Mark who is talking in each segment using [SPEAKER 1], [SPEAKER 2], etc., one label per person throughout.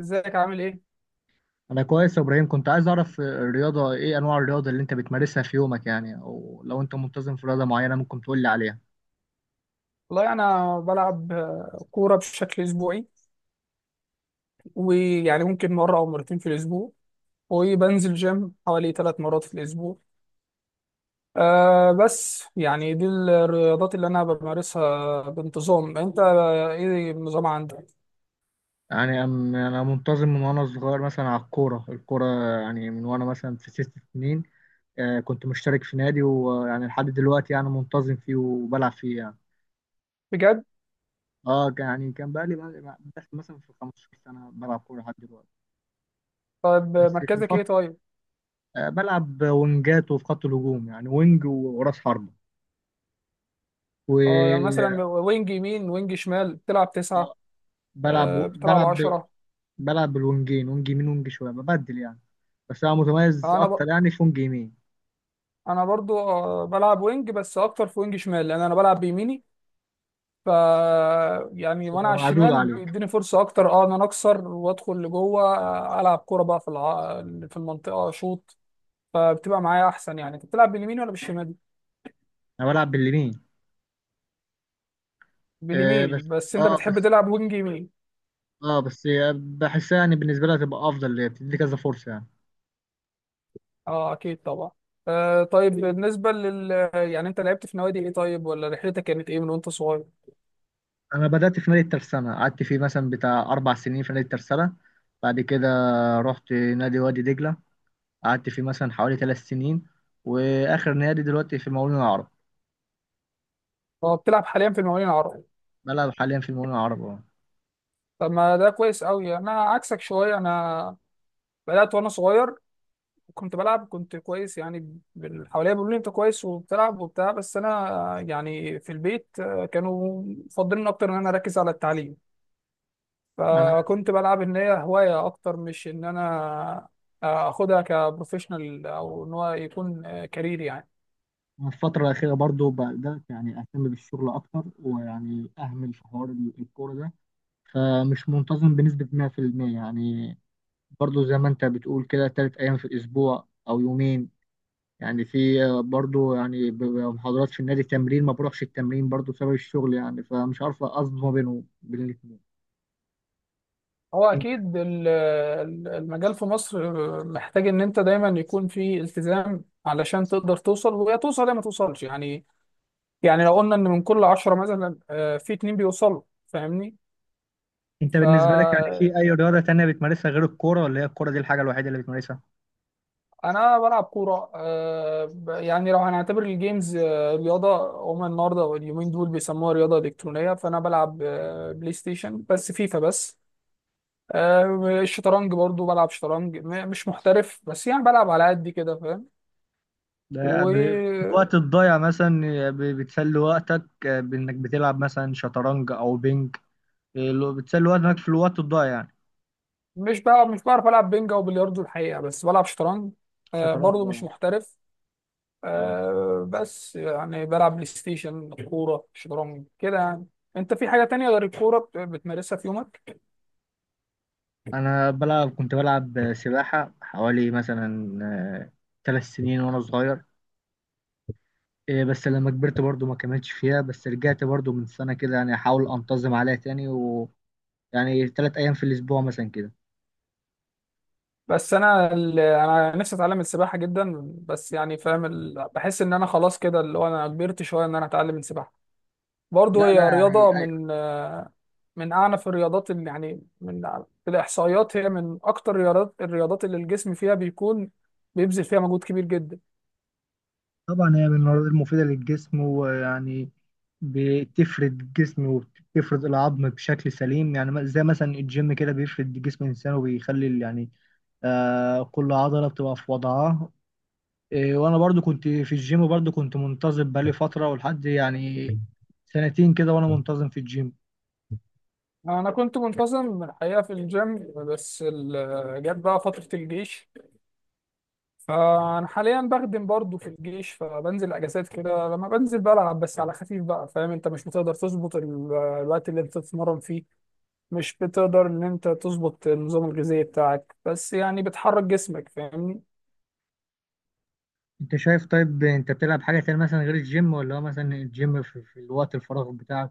[SPEAKER 1] ازيك عامل ايه؟
[SPEAKER 2] انا كويس يا ابراهيم، كنت عايز اعرف الرياضه، ايه انواع الرياضه اللي انت بتمارسها في يومك يعني، او لو انت منتظم في رياضه معينه ممكن تقول لي عليها.
[SPEAKER 1] والله انا بلعب كوره بشكل اسبوعي. ويعني ممكن مره او مرتين في الاسبوع. وبنزل جيم حوالي ثلاث مرات في الاسبوع. أه بس يعني دي الرياضات اللي انا بمارسها بانتظام. انت ايه النظام عندك؟
[SPEAKER 2] يعني أم- انا منتظم من وانا صغير مثلا على الكوره، يعني من وانا مثلا في ست سنين. كنت مشترك في نادي، ويعني لحد دلوقتي يعني منتظم فيه وبلعب فيه يعني.
[SPEAKER 1] بجد؟
[SPEAKER 2] اه داخل مثلا في 15 سنه بلعب كوره لحد دلوقتي.
[SPEAKER 1] طيب
[SPEAKER 2] بس في
[SPEAKER 1] مركزك ايه
[SPEAKER 2] الفتره،
[SPEAKER 1] طيب؟
[SPEAKER 2] بلعب وينجات وفي خط الهجوم، يعني وينج وراس حربه. و
[SPEAKER 1] اه يعني مثلا وينج يمين وينج شمال بتلعب تسعة.
[SPEAKER 2] آه، بلعب
[SPEAKER 1] أه بتلعب
[SPEAKER 2] بلعب
[SPEAKER 1] عشرة.
[SPEAKER 2] بلعب بالونجين، ونج يمين ونج شويه ببدل يعني، بس انا متميز
[SPEAKER 1] انا ب...
[SPEAKER 2] اكتر يعني في ونج يمين.
[SPEAKER 1] انا برضو بلعب وينج، بس اكتر في وينج شمال لان انا بلعب بيميني. ف يعني وانا
[SPEAKER 2] تبقى
[SPEAKER 1] على
[SPEAKER 2] معدول
[SPEAKER 1] الشمال
[SPEAKER 2] عليك.
[SPEAKER 1] بيديني فرصه اكتر، اه، ان انا اكسر وادخل لجوه، العب كوره بقى في المنطقه، شوط. فبتبقى معايا احسن. يعني انت بتلعب باليمين ولا بالشمال؟
[SPEAKER 2] انا بلعب باليمين. آه
[SPEAKER 1] باليمين؟
[SPEAKER 2] بس
[SPEAKER 1] بس انت
[SPEAKER 2] اه
[SPEAKER 1] بتحب
[SPEAKER 2] بس
[SPEAKER 1] تلعب وينج يمين.
[SPEAKER 2] اه بس هي بحسها يعني بالنسبه لها تبقى افضل ليا، بتدي كذا فرصه يعني.
[SPEAKER 1] اه اكيد طبعا. آه طيب بالنسبه لل، يعني، انت لعبت في نوادي ايه طيب؟ ولا رحلتك كانت ايه من وانت صغير؟
[SPEAKER 2] انا بدات في نادي الترسانه، قعدت فيه مثلا بتاع اربع سنين في نادي الترسانه. بعد كده رحت نادي وادي دجله، قعدت فيه مثلا حوالي ثلاث سنين. واخر نادي دلوقتي في المقاولون العرب.
[SPEAKER 1] اه بتلعب حاليا في المقاولين العرب.
[SPEAKER 2] بلعب حاليا في المقاولون العرب اه.
[SPEAKER 1] طب ما ده كويس قوي. انا عكسك شويه، انا بدات وانا صغير، كنت بلعب، كنت كويس يعني، حواليا بيقولوا لي انت كويس وبتلعب وبتاع، بس انا يعني في البيت كانوا مفضلين اكتر ان انا اركز على التعليم.
[SPEAKER 2] انا
[SPEAKER 1] فكنت بلعب ان هي هواية اكتر، مش ان انا اخدها كبروفيشنال او ان هو يكون كارير يعني.
[SPEAKER 2] الفترة الأخيرة برضو بدأت يعني أهتم بالشغل أكتر، ويعني أهمل في حوار الكورة ده. فمش منتظم بنسبة 100% يعني، برضو زي ما أنت بتقول كده تلات أيام في الأسبوع أو يومين يعني. في برضو يعني بيبقى محاضرات في النادي تمرين، ما بروحش التمرين برضو بسبب الشغل يعني، فمش عارف أنظم ما بينهم بين الاتنين.
[SPEAKER 1] هو
[SPEAKER 2] انت
[SPEAKER 1] اكيد المجال في مصر محتاج ان انت دايما يكون في التزام علشان تقدر توصل. ويا توصل يا ما توصلش يعني. يعني لو قلنا ان من كل عشرة مثلا في اتنين بيوصلوا، فاهمني.
[SPEAKER 2] انت بالنسبه لك يعني
[SPEAKER 1] فأنا
[SPEAKER 2] في اي رياضه تانية بتمارسها غير الكوره، ولا هي الكوره دي الحاجه الوحيده اللي بتمارسها؟
[SPEAKER 1] بلعب كورة، يعني لو هنعتبر الجيمز رياضة، هما النهاردة واليومين دول بيسموها رياضة إلكترونية، فأنا بلعب بلاي ستيشن، بس فيفا بس. الشطرنج برضو بلعب شطرنج، مش محترف بس، يعني بلعب على قد كده، فاهم.
[SPEAKER 2] ده الوقت
[SPEAKER 1] ومش
[SPEAKER 2] الضايع مثلا، بتسلي وقتك بإنك بتلعب مثلا شطرنج أو بينج، لو بتسلي وقتك في الوقت الضايع يعني.
[SPEAKER 1] بلعب، مش بعرف ألعب بينجا وبلياردو الحقيقة، بس بلعب شطرنج
[SPEAKER 2] شطرنج
[SPEAKER 1] برضو مش
[SPEAKER 2] اه.
[SPEAKER 1] محترف.
[SPEAKER 2] اه،
[SPEAKER 1] آه بس يعني بلعب بلاي ستيشن، كورة، شطرنج كده يعني. انت في حاجة تانية غير الكورة بتمارسها في يومك؟
[SPEAKER 2] أنا بلعب كنت بلعب سباحة حوالي مثلا ثلاث سنين وأنا صغير. بس لما كبرت برضو ما كملتش فيها، بس رجعت برضو من سنة كده يعني أحاول أنتظم عليها تاني، ويعني ثلاث أيام في الأسبوع مثلا كده.
[SPEAKER 1] بس انا انا نفسي اتعلم السباحة جدا، بس يعني فاهم ال... بحس ان انا خلاص كده اللي هو انا كبرت شوية ان انا اتعلم السباحة.
[SPEAKER 2] لا
[SPEAKER 1] برضه
[SPEAKER 2] لا
[SPEAKER 1] هي رياضة
[SPEAKER 2] يعني
[SPEAKER 1] من آه، من اعنف الرياضات، اللي يعني من، في الاحصائيات هي من اكتر الرياضات اللي الجسم فيها بيكون بيبذل فيها مجهود كبير جدا.
[SPEAKER 2] طبعا هي من المواد المفيدة للجسم، ويعني بتفرد الجسم وبتفرد العظم بشكل سليم يعني، زي مثلا الجيم كده بيفرد جسم الإنسان وبيخلي يعني آه كل عضلة بتبقى في وضعها. إيه، وأنا برضو كنت في الجيم، برضو كنت منتظم بقالي فترة ولحد يعني سنتين كده وأنا منتظم في الجيم.
[SPEAKER 1] انا كنت منتظم الحقيقه في الجيم، بس جت بقى فتره الجيش، فانا حاليا بخدم برضه في الجيش، فبنزل اجازات كده، لما بنزل بلعب بس على خفيف بقى، فاهم، انت مش بتقدر تظبط الوقت اللي انت تتمرن فيه، مش بتقدر ان انت تظبط النظام الغذائي بتاعك، بس يعني بتحرك جسمك، فاهمني.
[SPEAKER 2] أنت شايف طيب أنت بتلعب حاجة تانية مثلا غير الجيم، ولا هو مثلا الجيم في الوقت الفراغ بتاعك؟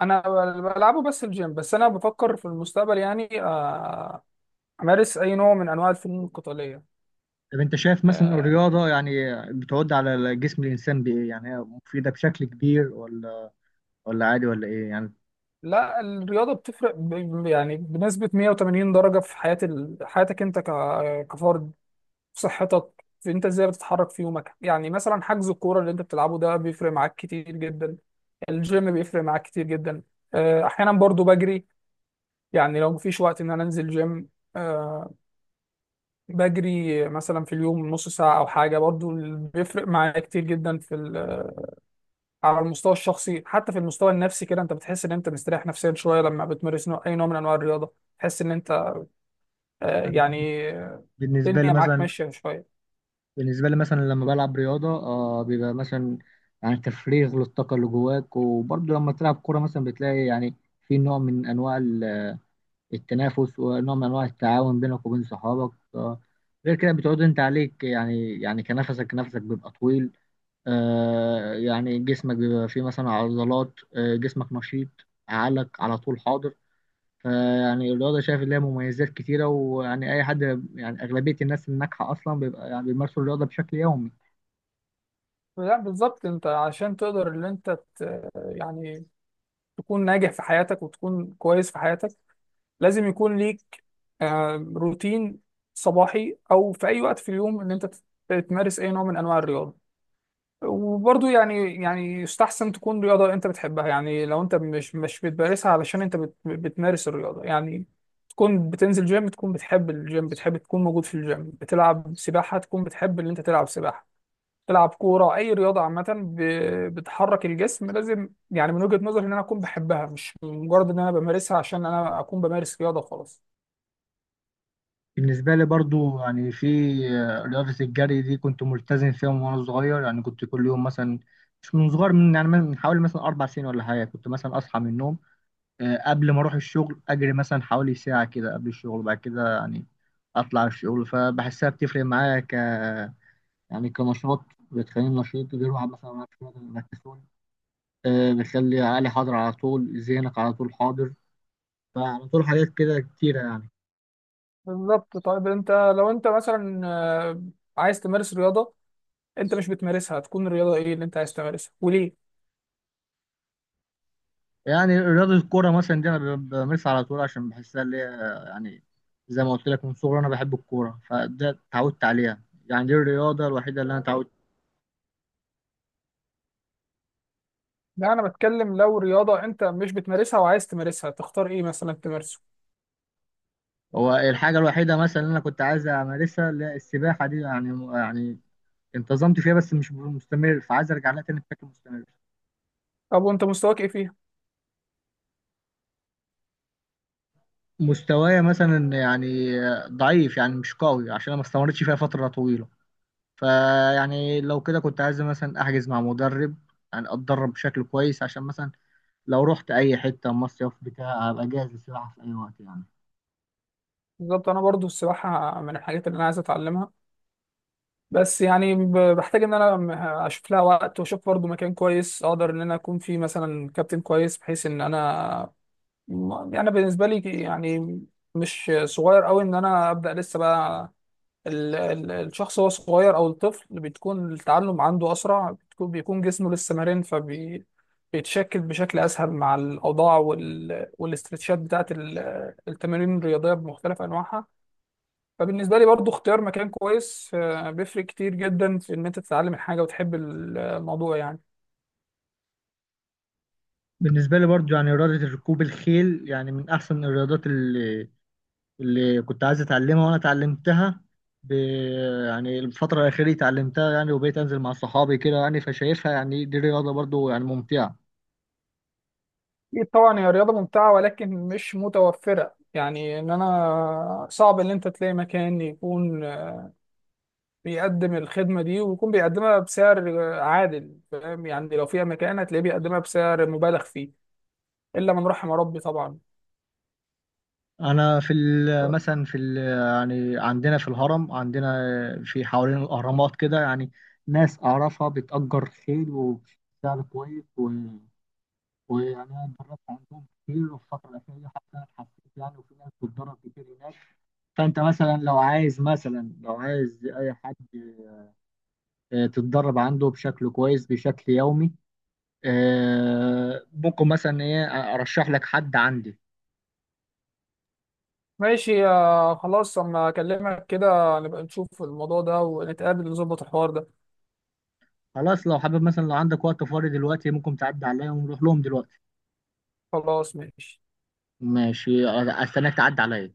[SPEAKER 1] بلعبه بس الجيم، بس انا بفكر في المستقبل يعني امارس اي نوع من انواع الفنون القتاليه.
[SPEAKER 2] طب انت شايف مثلا
[SPEAKER 1] آه،
[SPEAKER 2] الرياضة يعني بتعود على جسم الإنسان بإيه يعني، هي مفيدة بشكل كبير ولا عادي ولا إيه يعني؟
[SPEAKER 1] لا الرياضة بتفرق يعني بنسبة 180 درجة في حياتك، كفرد، في صحتك، في انت ازاي بتتحرك في يومك. يعني مثلا حجز الكورة اللي انت بتلعبه ده بيفرق معاك كتير جدا، الجيم بيفرق معاك كتير جدا. احيانا برضو بجري، يعني لو مفيش وقت ان انا انزل جيم آه، بجري مثلا في اليوم نص ساعة او حاجة، برضو بيفرق معايا كتير جدا في، على المستوى الشخصي، حتى في المستوى النفسي. كده انت بتحس ان انت مستريح نفسيا شويه لما بتمارس نوع، اي نوع من انواع الرياضه. تحس ان انت آه،
[SPEAKER 2] أنا
[SPEAKER 1] يعني آه،
[SPEAKER 2] بالنسبة لي
[SPEAKER 1] الدنيا معاك
[SPEAKER 2] مثلا
[SPEAKER 1] ماشيه شويه.
[SPEAKER 2] بالنسبة لي مثلا لما بلعب رياضة آه بيبقى مثلا يعني تفريغ للطاقة اللي جواك، وبرضه لما تلعب كورة مثلا بتلاقي يعني في نوع من أنواع التنافس، ونوع من أنواع التعاون بينك وبين صحابك آه. غير كده بتعود أنت عليك يعني، يعني كنفسك بيبقى طويل، يعني جسمك بيبقى فيه مثلا عضلات، جسمك نشيط، عقلك على طول حاضر. فيعني الرياضة شايف ليها مميزات كتيرة، ويعني أي حد، يعني أغلبية الناس الناجحة أصلا بيبقى يعني بيمارسوا الرياضة بشكل يومي.
[SPEAKER 1] لا بالظبط، انت عشان تقدر ان انت يعني تكون ناجح في حياتك وتكون كويس في حياتك، لازم يكون ليك روتين صباحي او في اي وقت في اليوم ان انت تمارس اي نوع من انواع الرياضه. وبرضه يعني، يعني يستحسن تكون رياضة انت بتحبها، يعني لو انت مش بتمارسها علشان انت بتمارس الرياضة يعني، تكون بتنزل جيم تكون بتحب الجيم، بتحب تكون موجود في الجيم، بتلعب سباحة تكون بتحب ان انت تلعب سباحة، تلعب كورة، اي رياضة عامة بتحرك الجسم لازم يعني من وجهة نظري ان انا اكون بحبها، مش مجرد ان انا بمارسها عشان انا اكون بمارس رياضة خلاص.
[SPEAKER 2] بالنسبة لي برضو يعني في رياضة الجري دي كنت ملتزم فيها من وأنا صغير، يعني كنت كل يوم مثلا، مش من صغير، من يعني من حوالي مثلا أربع سنين ولا حاجة، كنت مثلا أصحى من النوم قبل ما اروح الشغل اجري مثلا حوالي ساعة كده قبل الشغل، وبعد كده يعني اطلع الشغل. فبحسها بتفرق معايا يعني كنشاط، بتخليني نشيط غير واحد مثلا معاه شوية الكسول، بتخلي عقلي حاضر على طول، ذهنك على طول حاضر، فعلى طول حاجات كده كتيرة يعني.
[SPEAKER 1] بالظبط. طيب انت لو انت مثلا عايز تمارس رياضة انت مش بتمارسها، تكون الرياضة ايه اللي انت عايز تمارسها وليه؟
[SPEAKER 2] يعني رياضة الكورة مثلا دي أنا بمارسها على طول عشان بحسها اللي هي يعني، زي ما قلت لك من صغري أنا بحب الكورة، فده اتعودت عليها، يعني دي الرياضة الوحيدة اللي أنا اتعودت.
[SPEAKER 1] لا انا بتكلم لو رياضه انت مش بتمارسها وعايز تمارسها تختار ايه مثلا تمارسه؟
[SPEAKER 2] هو الحاجة الوحيدة مثلا اللي أنا كنت عايز أمارسها اللي هي السباحة دي يعني، يعني انتظمت فيها بس مش مستمر، فعايز أرجع لها تاني بشكل مستمر.
[SPEAKER 1] طب وانت مستواك ايه فيها؟
[SPEAKER 2] مستوايا مثلا يعني ضعيف، يعني مش قوي عشان أنا ما استمرتش فيها فترة طويلة. فيعني لو كده كنت عايز مثلا أحجز مع مدرب، يعني أتدرب بشكل كويس عشان مثلا لو رحت أي حتة مصيف بتاع أبقى جاهز للسباحة في أي وقت يعني.
[SPEAKER 1] بالظبط، انا برضو السباحه من الحاجات اللي انا عايز اتعلمها، بس يعني بحتاج ان انا اشوف لها وقت، واشوف برضو مكان كويس اقدر ان انا اكون فيه مثلا كابتن كويس، بحيث ان انا يعني بالنسبه لي يعني مش صغير قوي ان انا ابدا لسه بقى. الشخص وهو صغير او الطفل بتكون التعلم عنده اسرع، بتكون، بيكون جسمه لسه مرن، فبيتشكل بشكل اسهل مع الاوضاع والاسترتشات بتاعت التمارين الرياضيه بمختلف انواعها. فبالنسبه لي برضو اختيار مكان كويس بيفرق كتير جدا في ان انت تتعلم الحاجه وتحب الموضوع يعني.
[SPEAKER 2] بالنسبة لي برضو يعني رياضة ركوب الخيل يعني من أحسن الرياضات اللي كنت عايز اتعلمها وانا اتعلمتها، ب... يعني الفترة الأخيرة اتعلمتها يعني، وبقيت أنزل مع صحابي كده يعني، فشايفها يعني دي رياضة برضو يعني ممتعة.
[SPEAKER 1] اكيد طبعا هي رياضه ممتعه، ولكن مش متوفره، يعني ان انا صعب ان انت تلاقي مكان يكون بيقدم الخدمة دي ويكون بيقدمها بسعر عادل. فاهم، يعني لو فيها مكان هتلاقيه بيقدمها بسعر مبالغ فيه، إلا من رحم ربي طبعا.
[SPEAKER 2] أنا في يعني عندنا في الهرم، عندنا في حوالين الأهرامات كده يعني ناس أعرفها بتأجر خيل وبسعر كويس ويعني أنا اتدربت عندهم كتير، وفي الفترة الأخيرة حتى أنا اتحسنت يعني، وفي ناس بتتدرب كتير هناك. فأنت مثلا لو عايز أي حد تتدرب عنده بشكل كويس بشكل يومي، ممكن مثلا ايه ارشح لك حد عندي.
[SPEAKER 1] ماشي يا خلاص، أما أكلمك كده نبقى نشوف الموضوع ده ونتقابل نظبط الحوار ده.
[SPEAKER 2] خلاص، لو حابب مثلا لو عندك وقت فاضي دلوقتي ممكن تعدي عليا ونروح لهم دلوقتي.
[SPEAKER 1] خلاص ماشي.
[SPEAKER 2] ماشي، استناك تعدي عليا.